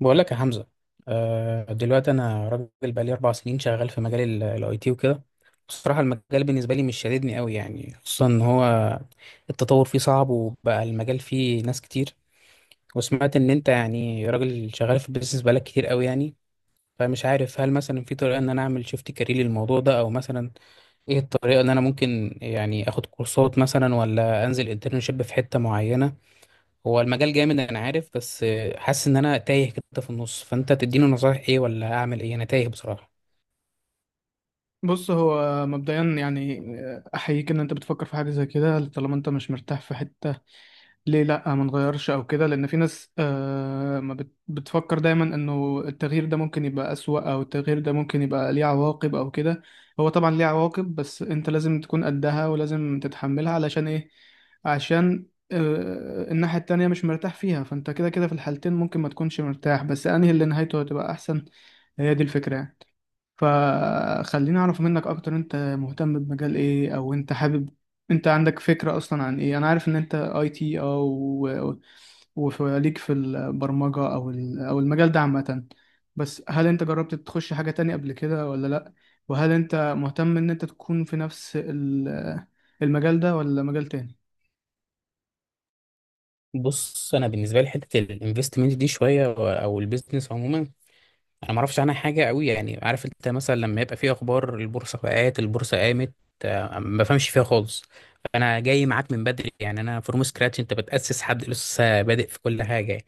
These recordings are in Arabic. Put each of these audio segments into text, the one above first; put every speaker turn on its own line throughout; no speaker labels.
بقول لك يا حمزة. دلوقتي أنا راجل بقالي 4 سنين شغال في مجال الأي تي وكده. بصراحة المجال بالنسبة لي مش شاددني أوي يعني، خصوصا إن هو التطور فيه صعب وبقى المجال فيه ناس كتير. وسمعت إن أنت يعني راجل شغال في البيزنس بقالك كتير أوي يعني. فمش عارف هل مثلا في طريقة إن أنا أعمل شيفت كارير للموضوع ده، أو مثلا إيه الطريقة إن أنا ممكن يعني آخد كورسات مثلا ولا أنزل انترنشيب في حتة معينة. هو المجال جامد انا عارف، بس حاسس ان انا تايه كده في النص. فانت تديني نصايح ايه ولا اعمل ايه؟ انا تايه بصراحه.
بص، هو مبدئيا يعني احييك ان انت بتفكر في حاجه زي كده طالما انت مش مرتاح في حته. ليه لا ما نغيرش او كده، لان في ناس ما بتفكر دايما انه التغيير ده ممكن يبقى اسوأ او التغيير ده ممكن يبقى ليه عواقب او كده. هو طبعا ليه عواقب، بس انت لازم تكون قدها ولازم تتحملها علشان ايه؟ عشان الناحيه التانية مش مرتاح فيها، فانت كده كده في الحالتين ممكن ما تكونش مرتاح، بس انهي اللي نهايته هتبقى احسن. هي دي الفكره يعني. فخليني اعرف منك اكتر، انت مهتم بمجال ايه او انت حابب انت عندك فكرة اصلا عن ايه؟ انا عارف ان انت اي تي، او وفليك في البرمجة او المجال ده عامة، بس هل انت جربت تخش حاجة تانية قبل كده ولا لا؟ وهل انت مهتم ان انت تكون في نفس المجال ده ولا مجال تاني؟
بص، انا بالنسبه لي حته الانفستمنت دي شويه او البيزنس عموما، انا ما اعرفش عنها حاجه قوي يعني. عارف انت مثلا لما يبقى في اخبار البورصه وقعت البورصه قامت، ما بفهمش فيها خالص. انا جاي معاك من بدري يعني، انا فروم سكراتش، انت بتاسس حد لسه بادئ في كل حاجه يعني.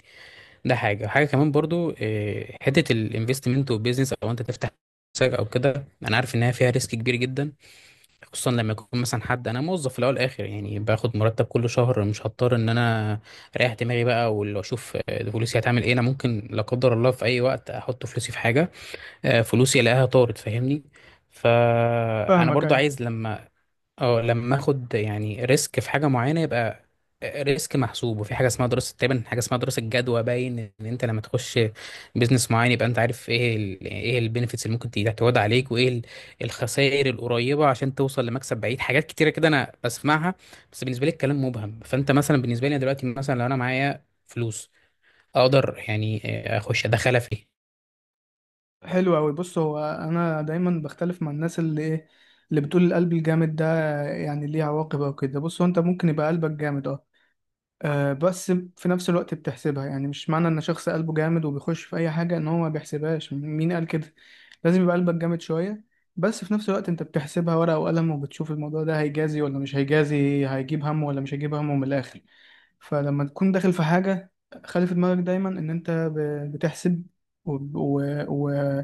ده حاجه حاجه كمان برضو، حته الانفستمنت والبيزنس او انت تفتح شركة او كده. انا عارف انها فيها ريسك كبير جدا، خصوصا لما يكون مثلا حد، انا موظف في الاول والاخر يعني باخد مرتب كل شهر، مش هضطر ان انا اريح دماغي بقى واللي اشوف فلوسي هتعمل ايه. انا ممكن لا قدر الله في اي وقت احط فلوسي في حاجه فلوسي الاقيها طارت، فاهمني. فانا
فاهمك،
برضو
ايوه.
عايز لما اه لما اخد يعني ريسك في حاجه معينه، يبقى ريسك محسوب. وفي حاجه اسمها دراسه تقريبا، حاجه اسمها دراسه جدوى. باين ان انت لما تخش بيزنس معين يبقى انت عارف ايه ايه البينفيتس اللي ممكن تعود عليك، وايه الخسائر القريبه عشان توصل لمكسب بعيد. حاجات كتيره كده انا بسمعها، بس بالنسبه لي الكلام مبهم. فانت مثلا بالنسبه لي دلوقتي مثلا لو انا معايا فلوس، اقدر يعني اخش ادخلها في إيه؟
حلو أوي. بص هو أنا دايما بختلف مع الناس اللي إيه، اللي بتقول القلب الجامد ده يعني ليه عواقب أو كده. بص، هو أنت ممكن يبقى قلبك جامد، أه، بس في نفس الوقت بتحسبها. يعني مش معنى ان شخص قلبه جامد وبيخش في اي حاجه ان هو ما بيحسبهاش. مين قال كده؟ لازم يبقى قلبك جامد شويه، بس في نفس الوقت انت بتحسبها ورقه وقلم، وبتشوف الموضوع ده هيجازي ولا مش هيجازي، هيجيب همه ولا مش هيجيب همه، من الاخر. فلما تكون داخل في حاجه، خلي في دماغك دايما ان انت بتحسب وب- و... و...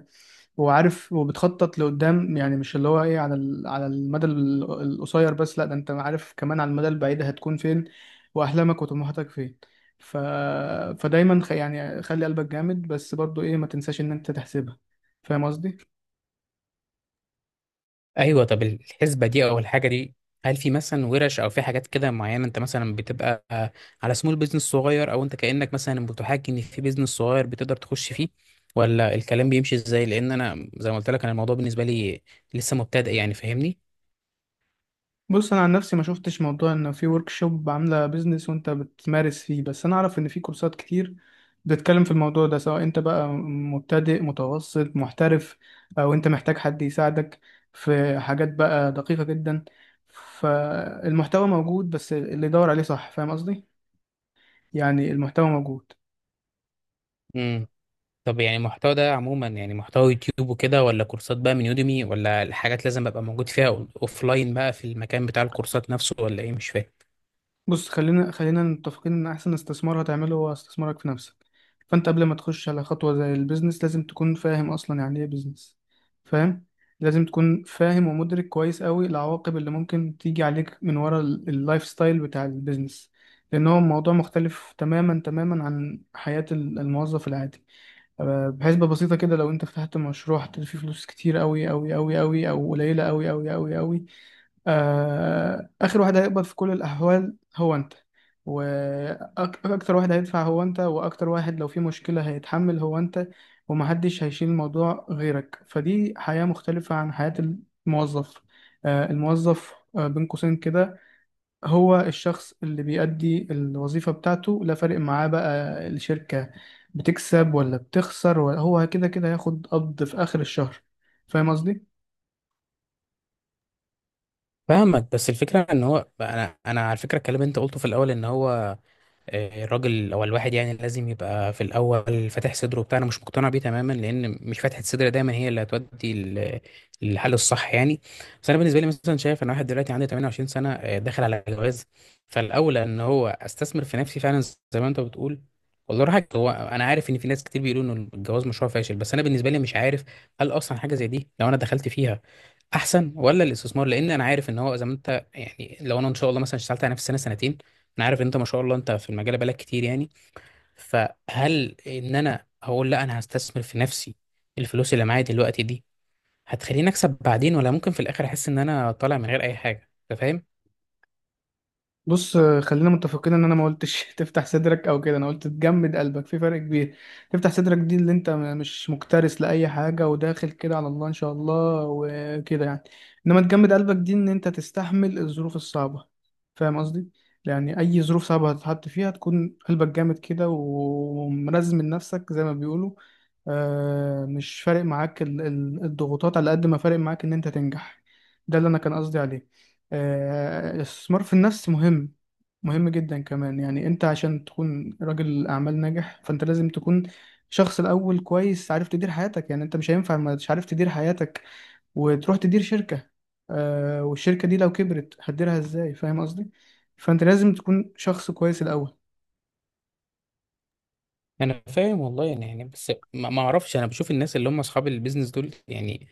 وعارف، وبتخطط لقدام، يعني مش اللي هو ايه على على المدى القصير بس، لا، ده انت عارف كمان على المدى البعيد هتكون فين، واحلامك وطموحاتك فين. ف... فدايما يعني خلي قلبك جامد، بس برضو ايه، ما تنساش ان انت تحسبها. فاهم قصدي؟
ايوه، طب الحسبه دي او الحاجه دي، هل في مثلا ورش او في حاجات كده معينه انت مثلا بتبقى على سمول بيزنس صغير، او انت كانك مثلا بتحاكي ان في بيزنس صغير بتقدر تخش فيه؟ ولا الكلام بيمشي ازاي؟ لان انا زي ما قلت لك انا الموضوع بالنسبه لي لسه مبتدئ يعني، فاهمني.
بص، انا عن نفسي ما شفتش موضوع ان في ورك شوب عامله بيزنس وانت بتمارس فيه، بس انا اعرف ان في كورسات كتير بتتكلم في الموضوع ده، سواء انت بقى مبتدئ متوسط محترف، او انت محتاج حد يساعدك في حاجات بقى دقيقة جدا. فالمحتوى موجود، بس اللي يدور عليه صح. فاهم قصدي؟ يعني المحتوى موجود.
امم. طب يعني المحتوى ده عموما يعني محتوى يوتيوب وكده، ولا كورسات بقى من يوديمي، ولا الحاجات لازم ابقى موجود فيها لاين بقى في المكان بتاع الكورسات نفسه، ولا ايه؟ مش فاهم.
بص، خلينا متفقين ان احسن استثمار هتعمله هو استثمارك في نفسك. فانت قبل ما تخش على خطوة زي البيزنس لازم تكون فاهم اصلا يعني ايه بيزنس. فاهم؟ لازم تكون فاهم ومدرك كويس قوي العواقب اللي ممكن تيجي عليك من ورا اللايف ستايل بتاع البيزنس، لان هو موضوع مختلف تماما تماما عن حياة الموظف العادي. بحسبة بسيطة كده، لو انت فتحت مشروع هتلاقي فيه فلوس كتير قوي قوي قوي قوي، او قليلة قوي قوي قوي قوي. آخر واحد هيقبض في كل الأحوال هو أنت، وأكتر واحد هيدفع هو أنت، وأكتر واحد لو في مشكلة هيتحمل هو أنت، ومحدش هيشيل الموضوع غيرك. فدي حياة مختلفة عن حياة الموظف. الموظف، بين قوسين كده، هو الشخص اللي بيأدي الوظيفة بتاعته، لا فارق معاه بقى الشركة بتكسب ولا بتخسر هو كده كده هياخد قبض في آخر الشهر. فاهم قصدي؟
فاهمك. بس الفكره ان هو انا على فكره، الكلام اللي انت قلته في الاول ان هو الراجل او الواحد يعني لازم يبقى في الاول فاتح صدره وبتاع، انا مش مقتنع بيه تماما، لان مش فاتحه الصدر دايما هي اللي هتودي للحل الصح يعني. بس انا بالنسبه لي مثلا شايف، انا واحد دلوقتي عندي 28 سنه، داخل على جواز. فالاولى ان هو استثمر في نفسي فعلا، زي ما انت بتقول. والله راحك. هو انا عارف ان في ناس كتير بيقولوا ان الجواز مشروع فاشل، بس انا بالنسبه لي مش عارف هل اصلا حاجه زي دي لو انا دخلت فيها احسن ولا الاستثمار. لان انا عارف ان هو، زي ما انت يعني، لو انا ان شاء الله مثلا اشتغلت على نفسي سنه سنتين، انا عارف إن انت ما شاء الله انت في المجال بقالك كتير يعني. فهل ان انا هقول لا، انا هستثمر في نفسي؟ الفلوس اللي معايا دلوقتي دي هتخليني اكسب بعدين، ولا ممكن في الاخر احس ان انا طالع من غير اي حاجه؟ انت فاهم.
بص، خلينا متفقين ان انا ما قلتش تفتح صدرك او كده. انا قلت تجمد قلبك، في فرق كبير. تفتح صدرك دي اللي انت مش مكترث لاي حاجه، وداخل كده على الله ان شاء الله وكده يعني. انما تجمد قلبك دي ان انت تستحمل الظروف الصعبه. فاهم قصدي؟ يعني اي ظروف صعبه هتتحط فيها تكون قلبك جامد كده، ومرزم من نفسك زي ما بيقولوا. مش فارق معاك الضغوطات على قد ما فارق معاك ان انت تنجح. ده اللي انا كان قصدي عليه. الاستثمار في النفس مهم، مهم جدا كمان. يعني انت عشان تكون راجل اعمال ناجح، فانت لازم تكون شخص الاول كويس، عارف تدير حياتك. يعني انت مش هينفع ما مش عارف تدير حياتك وتروح تدير شركة. والشركة دي لو كبرت هتديرها ازاي؟ فاهم قصدي؟ فانت لازم تكون شخص كويس الاول.
انا فاهم والله يعني بس ما اعرفش. انا بشوف الناس اللي هم اصحاب البيزنس دول يعني،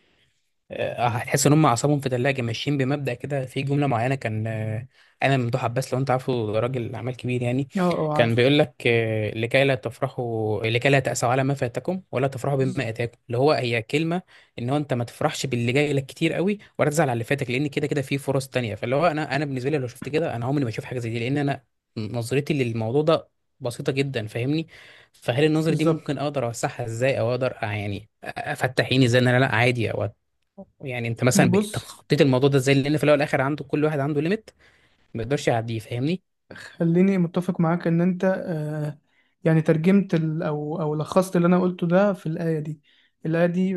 هتحس ان هم اعصابهم في ثلاجه ماشيين بمبدا كده. في جمله معينه كان انا، ممدوح عباس لو انت عارفه، ده راجل اعمال كبير يعني،
اه. اه،
كان
عارف.
بيقول لك لكي لا تفرحوا، لكي لا تأسوا على ما فاتكم ولا تفرحوا بما اتاكم. اللي هو هي كلمه ان هو انت ما تفرحش باللي جاي لك كتير قوي، ولا تزعل على اللي فاتك، لان كده كده في فرص تانية. فاللي هو انا بالنسبه لي لو شفت كده، انا عمري ما اشوف حاجه زي دي، لان انا نظرتي للموضوع ده بسيطه جدا، فاهمني. فهل النظرة دي
بالظبط.
ممكن اقدر اوسعها ازاي، او اقدر يعني افتح عيني ازاي ان انا لا عادي او؟ يعني انت مثلا بقيت
بص،
تخطيت الموضوع ده ازاي؟ لان في الاول والاخر عنده، كل واحد عنده ليميت ما يقدرش يعديه، فاهمني.
خليني متفق معاك ان انت يعني ترجمت ال- او او لخصت اللي انا قلته ده في الايه دي. الايه دي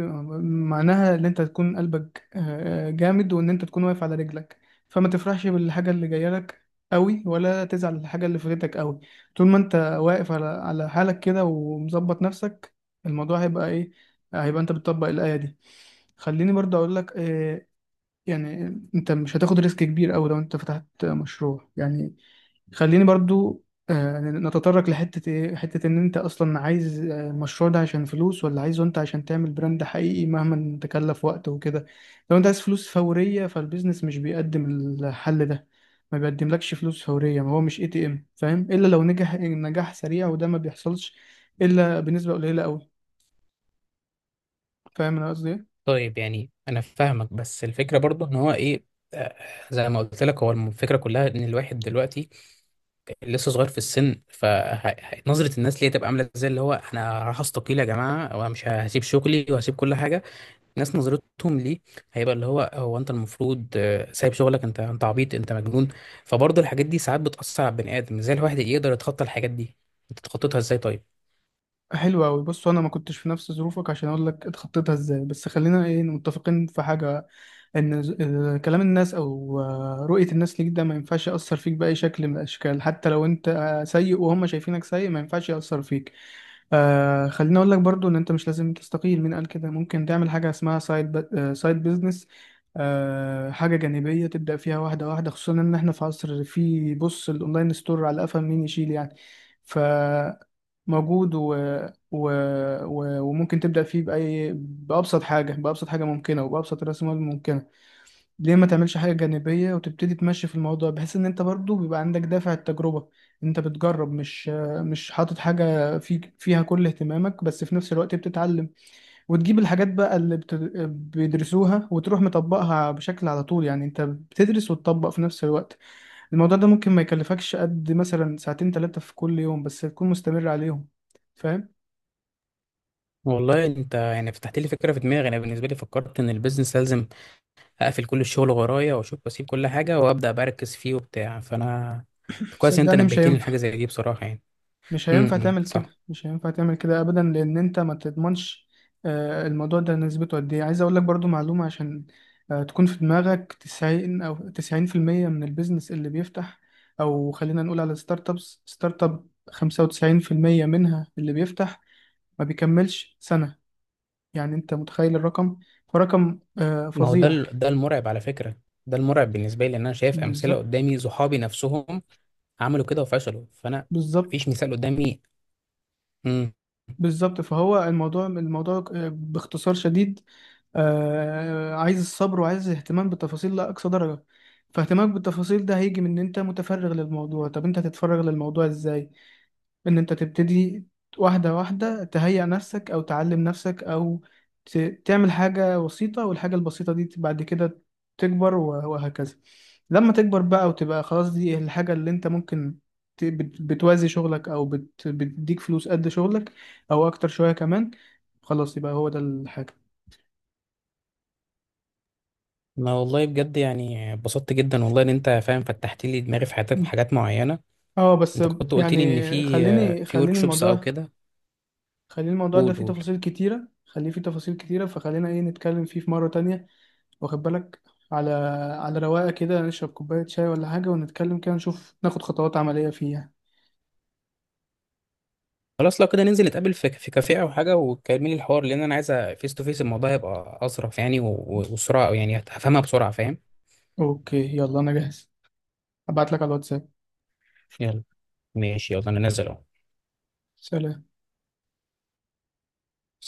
معناها ان انت تكون قلبك جامد، وان انت تكون واقف على رجلك. فما تفرحش بالحاجه اللي جايه لك قوي، ولا تزعل الحاجه اللي فاتتك قوي. طول ما انت واقف على حالك كده ومظبط نفسك، الموضوع هيبقى ايه؟ هيبقى انت بتطبق الايه دي. خليني برضه اقول لك يعني انت مش هتاخد ريسك كبير قوي لو انت فتحت مشروع يعني. خليني برضو نتطرق لحتة ايه، حتة ان انت اصلا عايز المشروع ده عشان فلوس، ولا عايزه انت عشان تعمل براند حقيقي مهما تكلف وقت وكده. لو انت عايز فلوس فورية، فالبيزنس مش بيقدم الحل ده. ما بيقدملكش فلوس فورية، ما هو مش اي تي ام. فاهم؟ الا لو نجح نجاح سريع، وده ما بيحصلش الا بنسبة قليلة قوي. فاهم انا قصدي ايه؟
طيب يعني انا فاهمك. بس الفكره برضو ان هو ايه، آه، زي ما قلت لك، هو الفكره كلها ان الواحد دلوقتي لسه صغير في السن. فنظره الناس ليه تبقى عامله ازاي؟ اللي هو انا راح استقيل يا جماعه، وانا مش هسيب شغلي وهسيب كل حاجه. الناس نظرتهم ليه هيبقى اللي هو، هو انت المفروض سايب شغلك، انت عبيط، انت مجنون. فبرضه الحاجات دي ساعات بتاثر على البني ادم. ازاي الواحد يقدر يتخطى الحاجات دي؟ انت تخططها ازاي طيب؟
حلو قوي. بص، انا ما كنتش في نفس ظروفك عشان اقول لك اتخطيتها ازاي، بس خلينا ايه متفقين في حاجة: ان إن كلام الناس او رؤية الناس ليك، ده ما ينفعش يأثر فيك بأي شكل من الأشكال. حتى لو انت سيء وهم شايفينك سيء، ما ينفعش يأثر فيك. خليني اقول لك برضو ان انت مش لازم تستقيل. مين قال كده؟ ممكن تعمل حاجة اسمها سايد بيزنس. حاجة جانبية تبدأ فيها واحدة واحدة، خصوصا ان احنا في عصر، في بص الاونلاين ستور على قفا مين يشيل يعني. فموجود، و... و... و... وممكن تبدأ فيه بأي بأبسط حاجة بأبسط حاجة ممكنة، وبأبسط رأس مال ممكنة. ليه ما تعملش حاجة جانبية وتبتدي تمشي في الموضوع، بحيث ان انت برضو بيبقى عندك دافع التجربة. انت بتجرب، مش حاطط حاجة فيها كل اهتمامك، بس في نفس الوقت بتتعلم، وتجيب الحاجات بقى اللي بيدرسوها، وتروح مطبقها بشكل على طول. يعني انت بتدرس وتطبق في نفس الوقت. الموضوع ده ممكن ما يكلفكش قد مثلا ساعتين ثلاثة في كل يوم، بس تكون مستمر عليهم. فاهم؟
والله انت يعني فتحت لي فكره في دماغي. انا بالنسبه لي فكرت ان البيزنس لازم اقفل كل الشغل ورايا واشوف واسيب كل حاجه وابدا بركز فيه وبتاع. فانا كويس انت
صدقني مش
نبهتني
هينفع.
لحاجه زي دي بصراحه يعني.
مش
امم،
هينفع
إمم،
تعمل
صح.
كده، مش هينفع تعمل كده ابدا، لان انت ما تضمنش الموضوع ده نسبته قد ايه. عايز اقول لك برضو معلومة، عشان تكون في دماغك: 90 او 90% من البيزنس اللي بيفتح، او خلينا نقول على ستارت ابس ستارت اب، 95% منها اللي بيفتح ما بيكملش سنة. يعني انت متخيل الرقم؟ فرقم
ما هو ده
فظيع.
ده المرعب على فكره. ده المرعب بالنسبه لي لان انا شايف امثله
بالظبط.
قدامي، صحابي نفسهم عملوا كده وفشلوا. فانا
بالظبط.
مفيش مثال قدامي. امم.
بالظبط. فهو الموضوع، باختصار شديد، عايز الصبر وعايز اهتمام بالتفاصيل لأقصى درجة. فاهتمامك بالتفاصيل ده هيجي من ان انت متفرغ للموضوع. طب انت هتتفرغ للموضوع ازاي؟ ان انت تبتدي واحدة واحدة، تهيئ نفسك او تعلم نفسك، او ت- تعمل حاجة بسيطة، والحاجة البسيطة دي بعد كده تكبر، و- وهكذا. لما تكبر بقى، وتبقى خلاص دي الحاجة اللي انت ممكن بتوازي شغلك، او بتديك فلوس قد شغلك، او اكتر شوية كمان، خلاص يبقى هو ده الحاجة.
ما والله بجد يعني اتبسطت جدا والله ان انت فاهم، فتحت لي دماغي في حاجات
مم.
حاجات معينه.
اه، بس
انت كنت قلت
يعني
لي ان في
خليني
في ورك
خليني
شوبس او
الموضوع،
كده.
خليني الموضوع ده
قول
فيه
قول.
تفاصيل كتيرة، خليه فيه تفاصيل كتيرة، فخلينا ايه نتكلم فيه في مرة تانية. واخد بالك؟ على رواقه كده، نشرب كوبايه شاي ولا حاجه، ونتكلم كده، نشوف ناخد خطوات عمليه فيها.
خلاص لو كده، ننزل نتقابل في كافيه او حاجه، وتكلمي لي الحوار، لان انا عايزه فيس تو فيس. الموضوع هيبقى اظرف يعني، و- و- وبسرعه، أو يعني هفهمها بسرعه، فاهم.
اوكي، يلا انا جاهز. ابعت لك على الواتساب.
يلا. ماشي يلا، انا نازل اهو.
سلام.